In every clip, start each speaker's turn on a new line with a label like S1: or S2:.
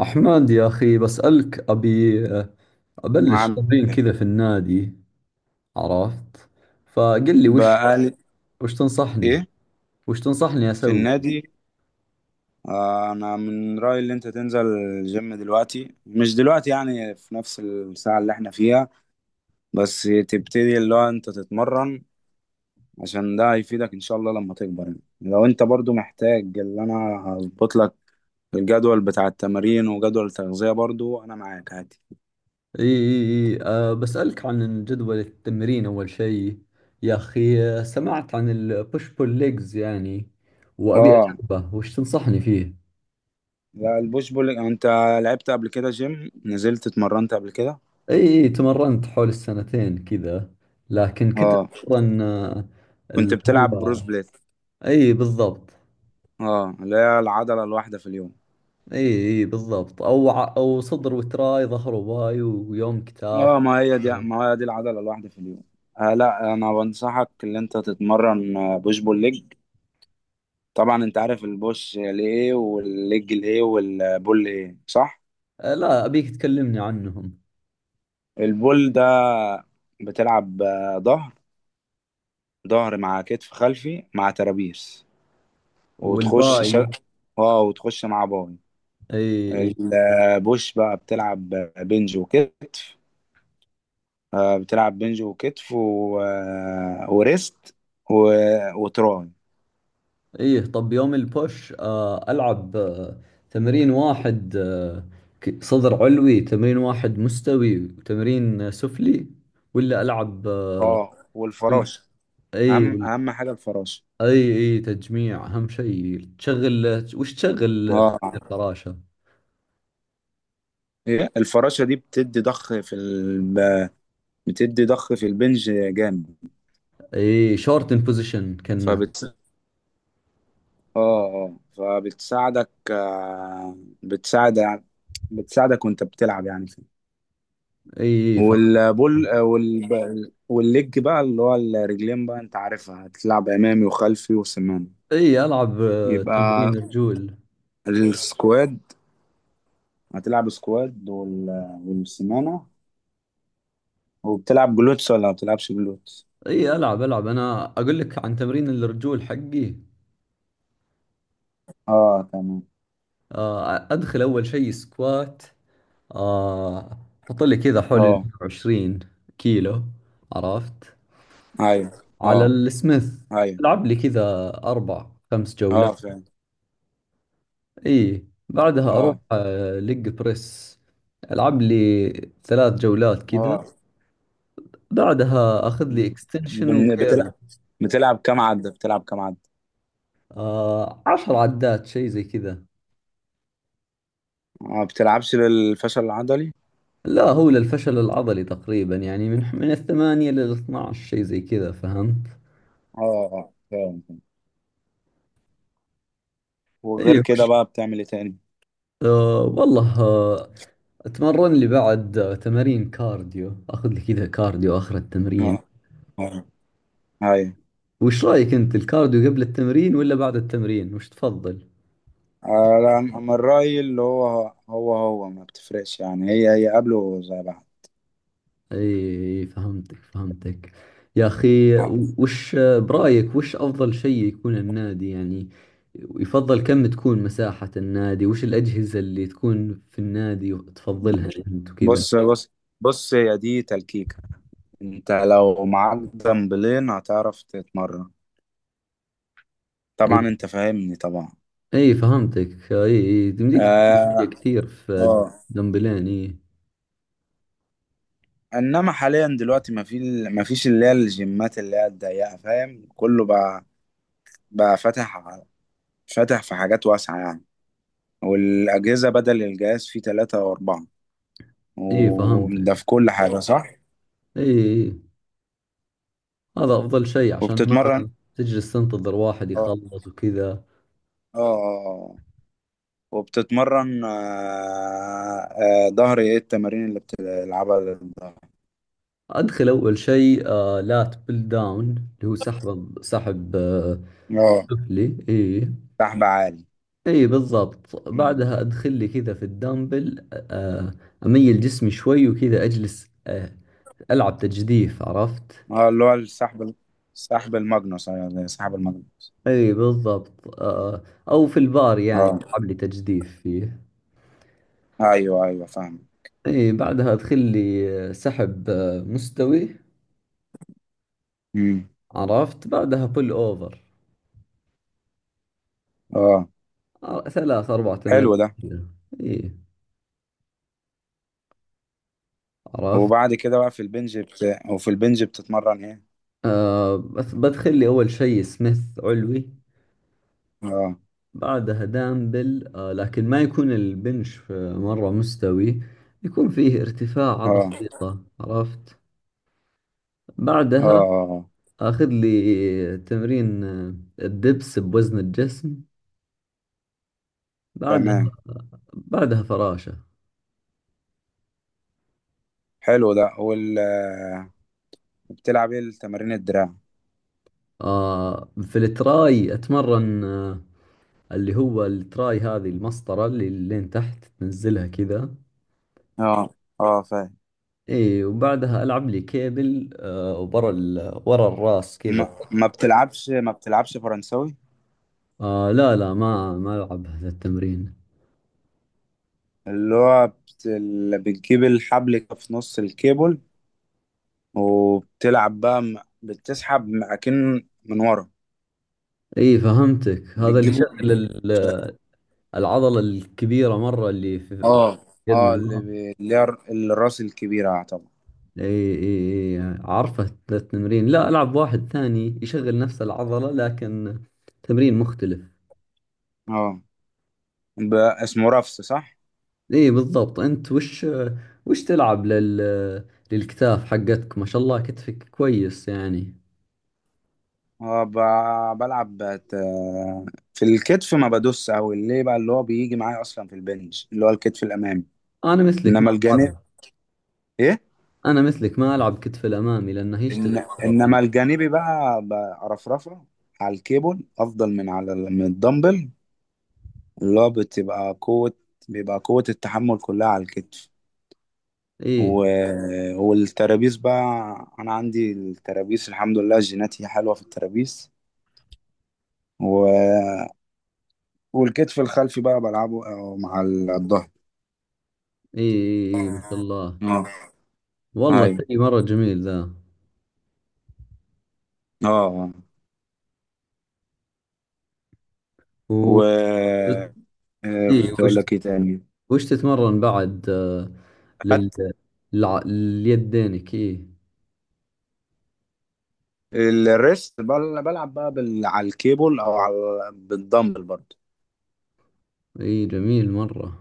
S1: أحمد يا أخي، بسألك. أبي أبلش
S2: عامل
S1: تمرين
S2: ايه؟
S1: كذا في النادي. عرفت؟ فقل لي
S2: بقالي.
S1: وش تنصحني
S2: ايه؟
S1: وش تنصحني
S2: في
S1: أسوي.
S2: النادي. انا من رأيي اللي انت تنزل الجيم دلوقتي، مش دلوقتي يعني في نفس الساعة اللي احنا فيها، بس تبتدي اللي هو انت تتمرن، عشان ده هيفيدك ان شاء الله لما تكبر يعني. لو انت برضو محتاج، اللي انا هظبط لك الجدول بتاع التمارين وجدول التغذية، برضو انا معاك عادي.
S1: إي إي إي بسألك عن جدول التمرين أول شيء. يا أخي سمعت عن البوش بول ليجز يعني، وأبي
S2: اه.
S1: أجربه، وش تنصحني فيه؟
S2: لا، البوش بول، انت لعبت قبل كده جيم، نزلت اتمرنت قبل كده؟
S1: إي إي، تمرنت حول السنتين كذا، لكن كنت
S2: اه،
S1: أتمرن أه،
S2: كنت
S1: اللي
S2: بتلعب بروس
S1: هو
S2: بليت؟
S1: إي بالضبط.
S2: اه، اللي هي العضلة الواحدة في اليوم.
S1: اي اي بالضبط، او صدر وتراي، ظهر وباي، ويوم كتاف.
S2: اه، ما هي دي العضلة الواحدة في اليوم. لا، انا بنصحك ان انت تتمرن بوش بول ليج. طبعا انت عارف البوش ليه والليج ليه والبول ليه، صح؟
S1: آه، لا ابيك تكلمني عنهم.
S2: البول ده بتلعب ظهر مع كتف خلفي مع ترابيس،
S1: والبوش
S2: وتخش
S1: والباي؟
S2: شل... اه وتخش مع باي.
S1: اي اي.
S2: البوش بقى بتلعب بنج وكتف، بتلعب بنج وكتف و... آه، وريست و... وتراي.
S1: اي طب يوم البوش العب تمرين واحد، صدر علوي تمرين واحد مستوي، وتمرين سفلي، ولا العب
S2: اه،
S1: كل؟
S2: والفراشه،
S1: اي
S2: اهم
S1: وال-
S2: اهم حاجه الفراشه.
S1: اي اي، تجميع اهم شيء. تشغل، وش تشغل
S2: اه.
S1: تمرين الفراشة؟
S2: إيه؟ الفراشه دي بتدي ضخ في البنج جامد.
S1: اي شورت ان بوزيشن كنا.
S2: فبت اه فبتساعدك، بتساعد بتساعدك وانت بتلعب يعني فيه.
S1: اي
S2: والبول، والليج بقى اللي هو الرجلين، بقى انت عارفها، هتلعب امامي وخلفي وسماني.
S1: اي. العب
S2: يبقى
S1: تمرين رجول.
S2: السكواد، هتلعب سكواد والسمانة. وبتلعب جلوتس ولا ما بتلعبش جلوتس؟
S1: اي العب العب، انا اقول لك عن تمرين الرجول حقي.
S2: اه، تمام.
S1: ادخل اول شيء سكوات، آه، احط لي كذا حول ال
S2: اه،
S1: 120 كيلو. عرفت؟
S2: ايوه.
S1: على
S2: اه،
S1: السميث.
S2: ايوه.
S1: العب لي كذا اربع خمس
S2: اه،
S1: جولات.
S2: فعلا.
S1: اي بعدها اروح
S2: اه،
S1: لج بريس. العب لي ثلاث جولات كذا.
S2: اه.
S1: بعدها اخذ لي
S2: مم.
S1: اكستنشن
S2: بن-
S1: وكيرل.
S2: بتلعب بتلعب كام عدة، بتلعب كام عدة؟
S1: عشر عدات شيء زي كذا.
S2: ما بتلعبش للفشل العضلي؟
S1: لا، هو للفشل العضلي تقريبا يعني، من الثمانية للاثنى عشر شيء زي كذا، فهمت؟
S2: اه، اه، فعلا، فعلا. وغير
S1: ايوه.
S2: كده بقى بتعمل ايه تاني؟
S1: آه والله آه اتمرن لي بعد تمارين كارديو، اخذ لي كذا كارديو اخر التمرين.
S2: اه، اه، ايوه.
S1: وش رايك انت، الكارديو قبل التمرين ولا بعد التمرين، وش تفضل؟
S2: لا، انا من رأيي اللي هو هو ما بتفرقش يعني، هي هي قبله زي بعض.
S1: اي فهمتك فهمتك يا اخي.
S2: آه.
S1: وش برايك، وش افضل شيء يكون النادي يعني؟ يفضل كم تكون مساحة النادي، وش الاجهزة اللي تكون في النادي تفضلها انت وكذا؟
S2: بص، بص، بص يا دي تلكيكة، انت لو معاك دمبلين هتعرف تتمرن،
S1: اي
S2: طبعا انت فاهمني، طبعا.
S1: اي فهمتك اي اي، تمديك تسوي أشياء
S2: اه،
S1: كثير في
S2: اه.
S1: دمبلين. اي
S2: انما حاليا دلوقتي ما فيش اللي هي الجيمات اللي هي الضيقه، فاهم، كله بقى، بقى فاتح في حاجات واسعه يعني، والاجهزه بدل الجهاز فيه ثلاثة او اربعة،
S1: اي فهمتك
S2: وده في كل حاجه، صح؟
S1: اي اي. هذا افضل شيء، عشان ما
S2: وبتتمرن.
S1: تجلس تنتظر واحد
S2: اه،
S1: يخلص وكذا.
S2: اه، اه. وبتتمرن ظهر، ايه التمارين اللي بتلعبها للظهر؟
S1: أدخل أول شيء لات بيل داون، اللي هو سحب
S2: اه،
S1: سفلي. إي.
S2: سحب عالي.
S1: إي بالضبط.
S2: مم.
S1: بعدها أدخل لي كذا في الدمبل، أميل جسمي شوي وكذا، أجلس ألعب تجديف. عرفت؟
S2: اه، اللي هو السحب، الماجنوس، ايوه زي سحب الماجنوس.
S1: إي بالضبط أو في البار، يعني
S2: اه،
S1: ألعب لي تجديف فيه.
S2: ايوه، ايوه، فاهم.
S1: إي، بعدها أدخل لي سحب مستوي.
S2: امم.
S1: عرفت؟ بعدها بول أوفر،
S2: اه،
S1: ثلاث أربع تمارين
S2: حلو ده.
S1: كذا. إي. عرفت؟
S2: وبعد كده بقى وفي البنج بتتمرن ايه؟
S1: بس بدخل لي أول شيء سميث علوي.
S2: اه،
S1: بعدها دامبل لكن ما يكون البنش مرة مستوي، يكون فيه ارتفاعة
S2: اه،
S1: بسيطة. عرفت؟
S2: اه،
S1: بعدها
S2: آه. آه.
S1: أخذ لي تمرين الدبس بوزن الجسم. بعدها
S2: تمام.
S1: بعدها فراشة.
S2: حلو ده بتلعب ايه التمارين الدراع؟
S1: في التراي أتمرن، اللي هو التراي هذه المسطرة اللي لين تحت تنزلها كذا.
S2: اه، اه، فاهم.
S1: اي وبعدها العب لي كيبل ورا الراس كذا.
S2: ما بتلعبش فرنساوي؟
S1: آه لا لا، ما العب هذا التمرين.
S2: اللي بتجيب الحبل في نص الكيبل، وبتلعب بقى بتسحب معاكين من ورا،
S1: اي فهمتك، هذا اللي
S2: بتجيبه.
S1: يشغل ال- العضلة الكبيرة مرة، اللي في
S2: اه،
S1: يد
S2: اه،
S1: من ورا.
S2: اللي هي الراس الكبيرة طبعا.
S1: اي اي اي، عارفه ذا التمرين. لا العب واحد ثاني يشغل نفس العضلة لكن تمرين مختلف.
S2: اه، اسمه رفس، صح؟
S1: اي بالضبط. انت وش تلعب للكتاف حقتك؟ ما شاء الله، كتفك كويس يعني.
S2: اه، في الكتف ما بدوس قوي ليه بقى، اللي هو بيجي معايا اصلا في البنش، اللي هو الكتف الامامي،
S1: انا مثلك ما
S2: انما الجانب.
S1: العب
S2: ايه؟
S1: انا مثلك ما العب كتف الامامي، لانه
S2: إن...
S1: يشتغل مره في
S2: انما الجانبي بقى برفرفه، على الكيبل افضل من من الدمبل، اللي هو بتبقى قوة بيبقى قوة التحمل كلها على الكتف.
S1: ايه ايه
S2: والترابيز بقى، انا عندي الترابيز الحمد لله، جيناتي حلوه في الترابيز. و... والكتف الخلفي بقى بلعبه مع الظهر.
S1: ايه إيه، ما شاء الله.
S2: اه،
S1: والله
S2: ايوه.
S1: شيء مره جميل ذا.
S2: اه، آه.
S1: و...
S2: و آه،
S1: ايه
S2: كنت اقول لك ايه تاني؟
S1: وش تتمرن بعد، لل...
S2: خدت.
S1: للع... ليدينك ايه؟
S2: الريست، بلعب بقى على الكيبل او على بالدمبل برضه.
S1: ايه جميل مره،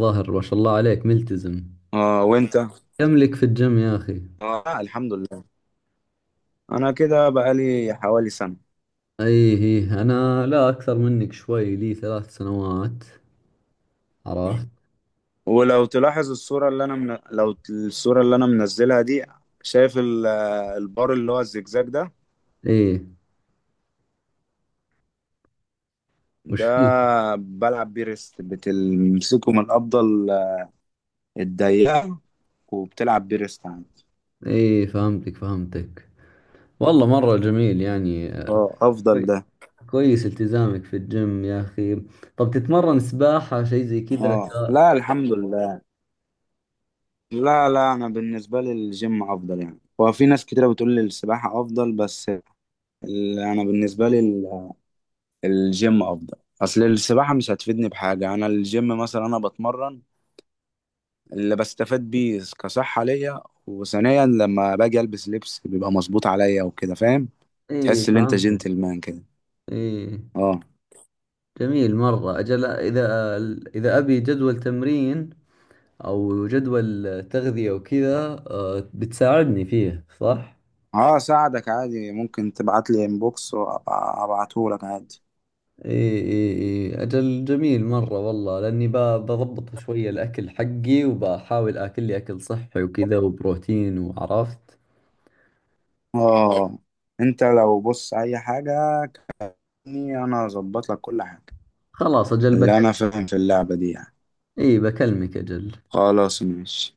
S1: ظاهر ما شاء الله عليك ملتزم.
S2: اه، وانت.
S1: كم لك في الجيم يا اخي؟
S2: اه، الحمد لله، انا كده بقالي حوالي سنه.
S1: ايه ايه، انا لا، اكثر منك شوي، لي ثلاث سنوات. عرفت؟
S2: ولو تلاحظ الصورة اللي أنا منزلها دي، شايف البار اللي هو الزجزاج ده.
S1: ايه، وش
S2: ده،
S1: فيه؟
S2: بلعب بيه ريست، بتمسكه من الأفضل، الضيقة، وبتلعب بيه ريست عندي.
S1: ايه فهمتك فهمتك. والله مرة جميل يعني.
S2: اه، أفضل
S1: كوي-
S2: ده.
S1: كويس التزامك في الجيم يا أخي. طب تتمرن سباحة شيء زي كذا؟
S2: اه، لا، الحمد لله. لا، لا، أنا بالنسبة لي الجيم أفضل يعني، هو في ناس كتيرة بتقول لي السباحة أفضل، بس أنا بالنسبة لي الجيم أفضل، أصل السباحة مش هتفيدني بحاجة، أنا الجيم مثلا، أنا بتمرن اللي بستفاد بيه كصحة ليا، وثانيا لما باجي البس لبس بيبقى مظبوط عليا وكده، فاهم.
S1: إيه
S2: تحس ان انت
S1: فهمتك.
S2: جنتلمان كده.
S1: إيه
S2: اه.
S1: جميل مرة. أجل إذا، أبي جدول تمرين، أو جدول تغذية وكذا، بتساعدني فيه صح؟
S2: اه، اساعدك عادي، ممكن تبعت لي انبوكس وابعته لك عادي.
S1: إيه إيه إيه أجل. جميل مرة والله، لأني بضبط شوية الأكل حقي وبحاول آكل لي أكل صحي وكذا وبروتين وعرفت.
S2: اه، انت لو بص اي حاجة، كني انا اظبط لك كل حاجة،
S1: خلاص أجل
S2: اللي انا
S1: بكلمك.
S2: فاهم في اللعبة دي يعني.
S1: إيه بكلمك أجل.
S2: خلاص، ماشي.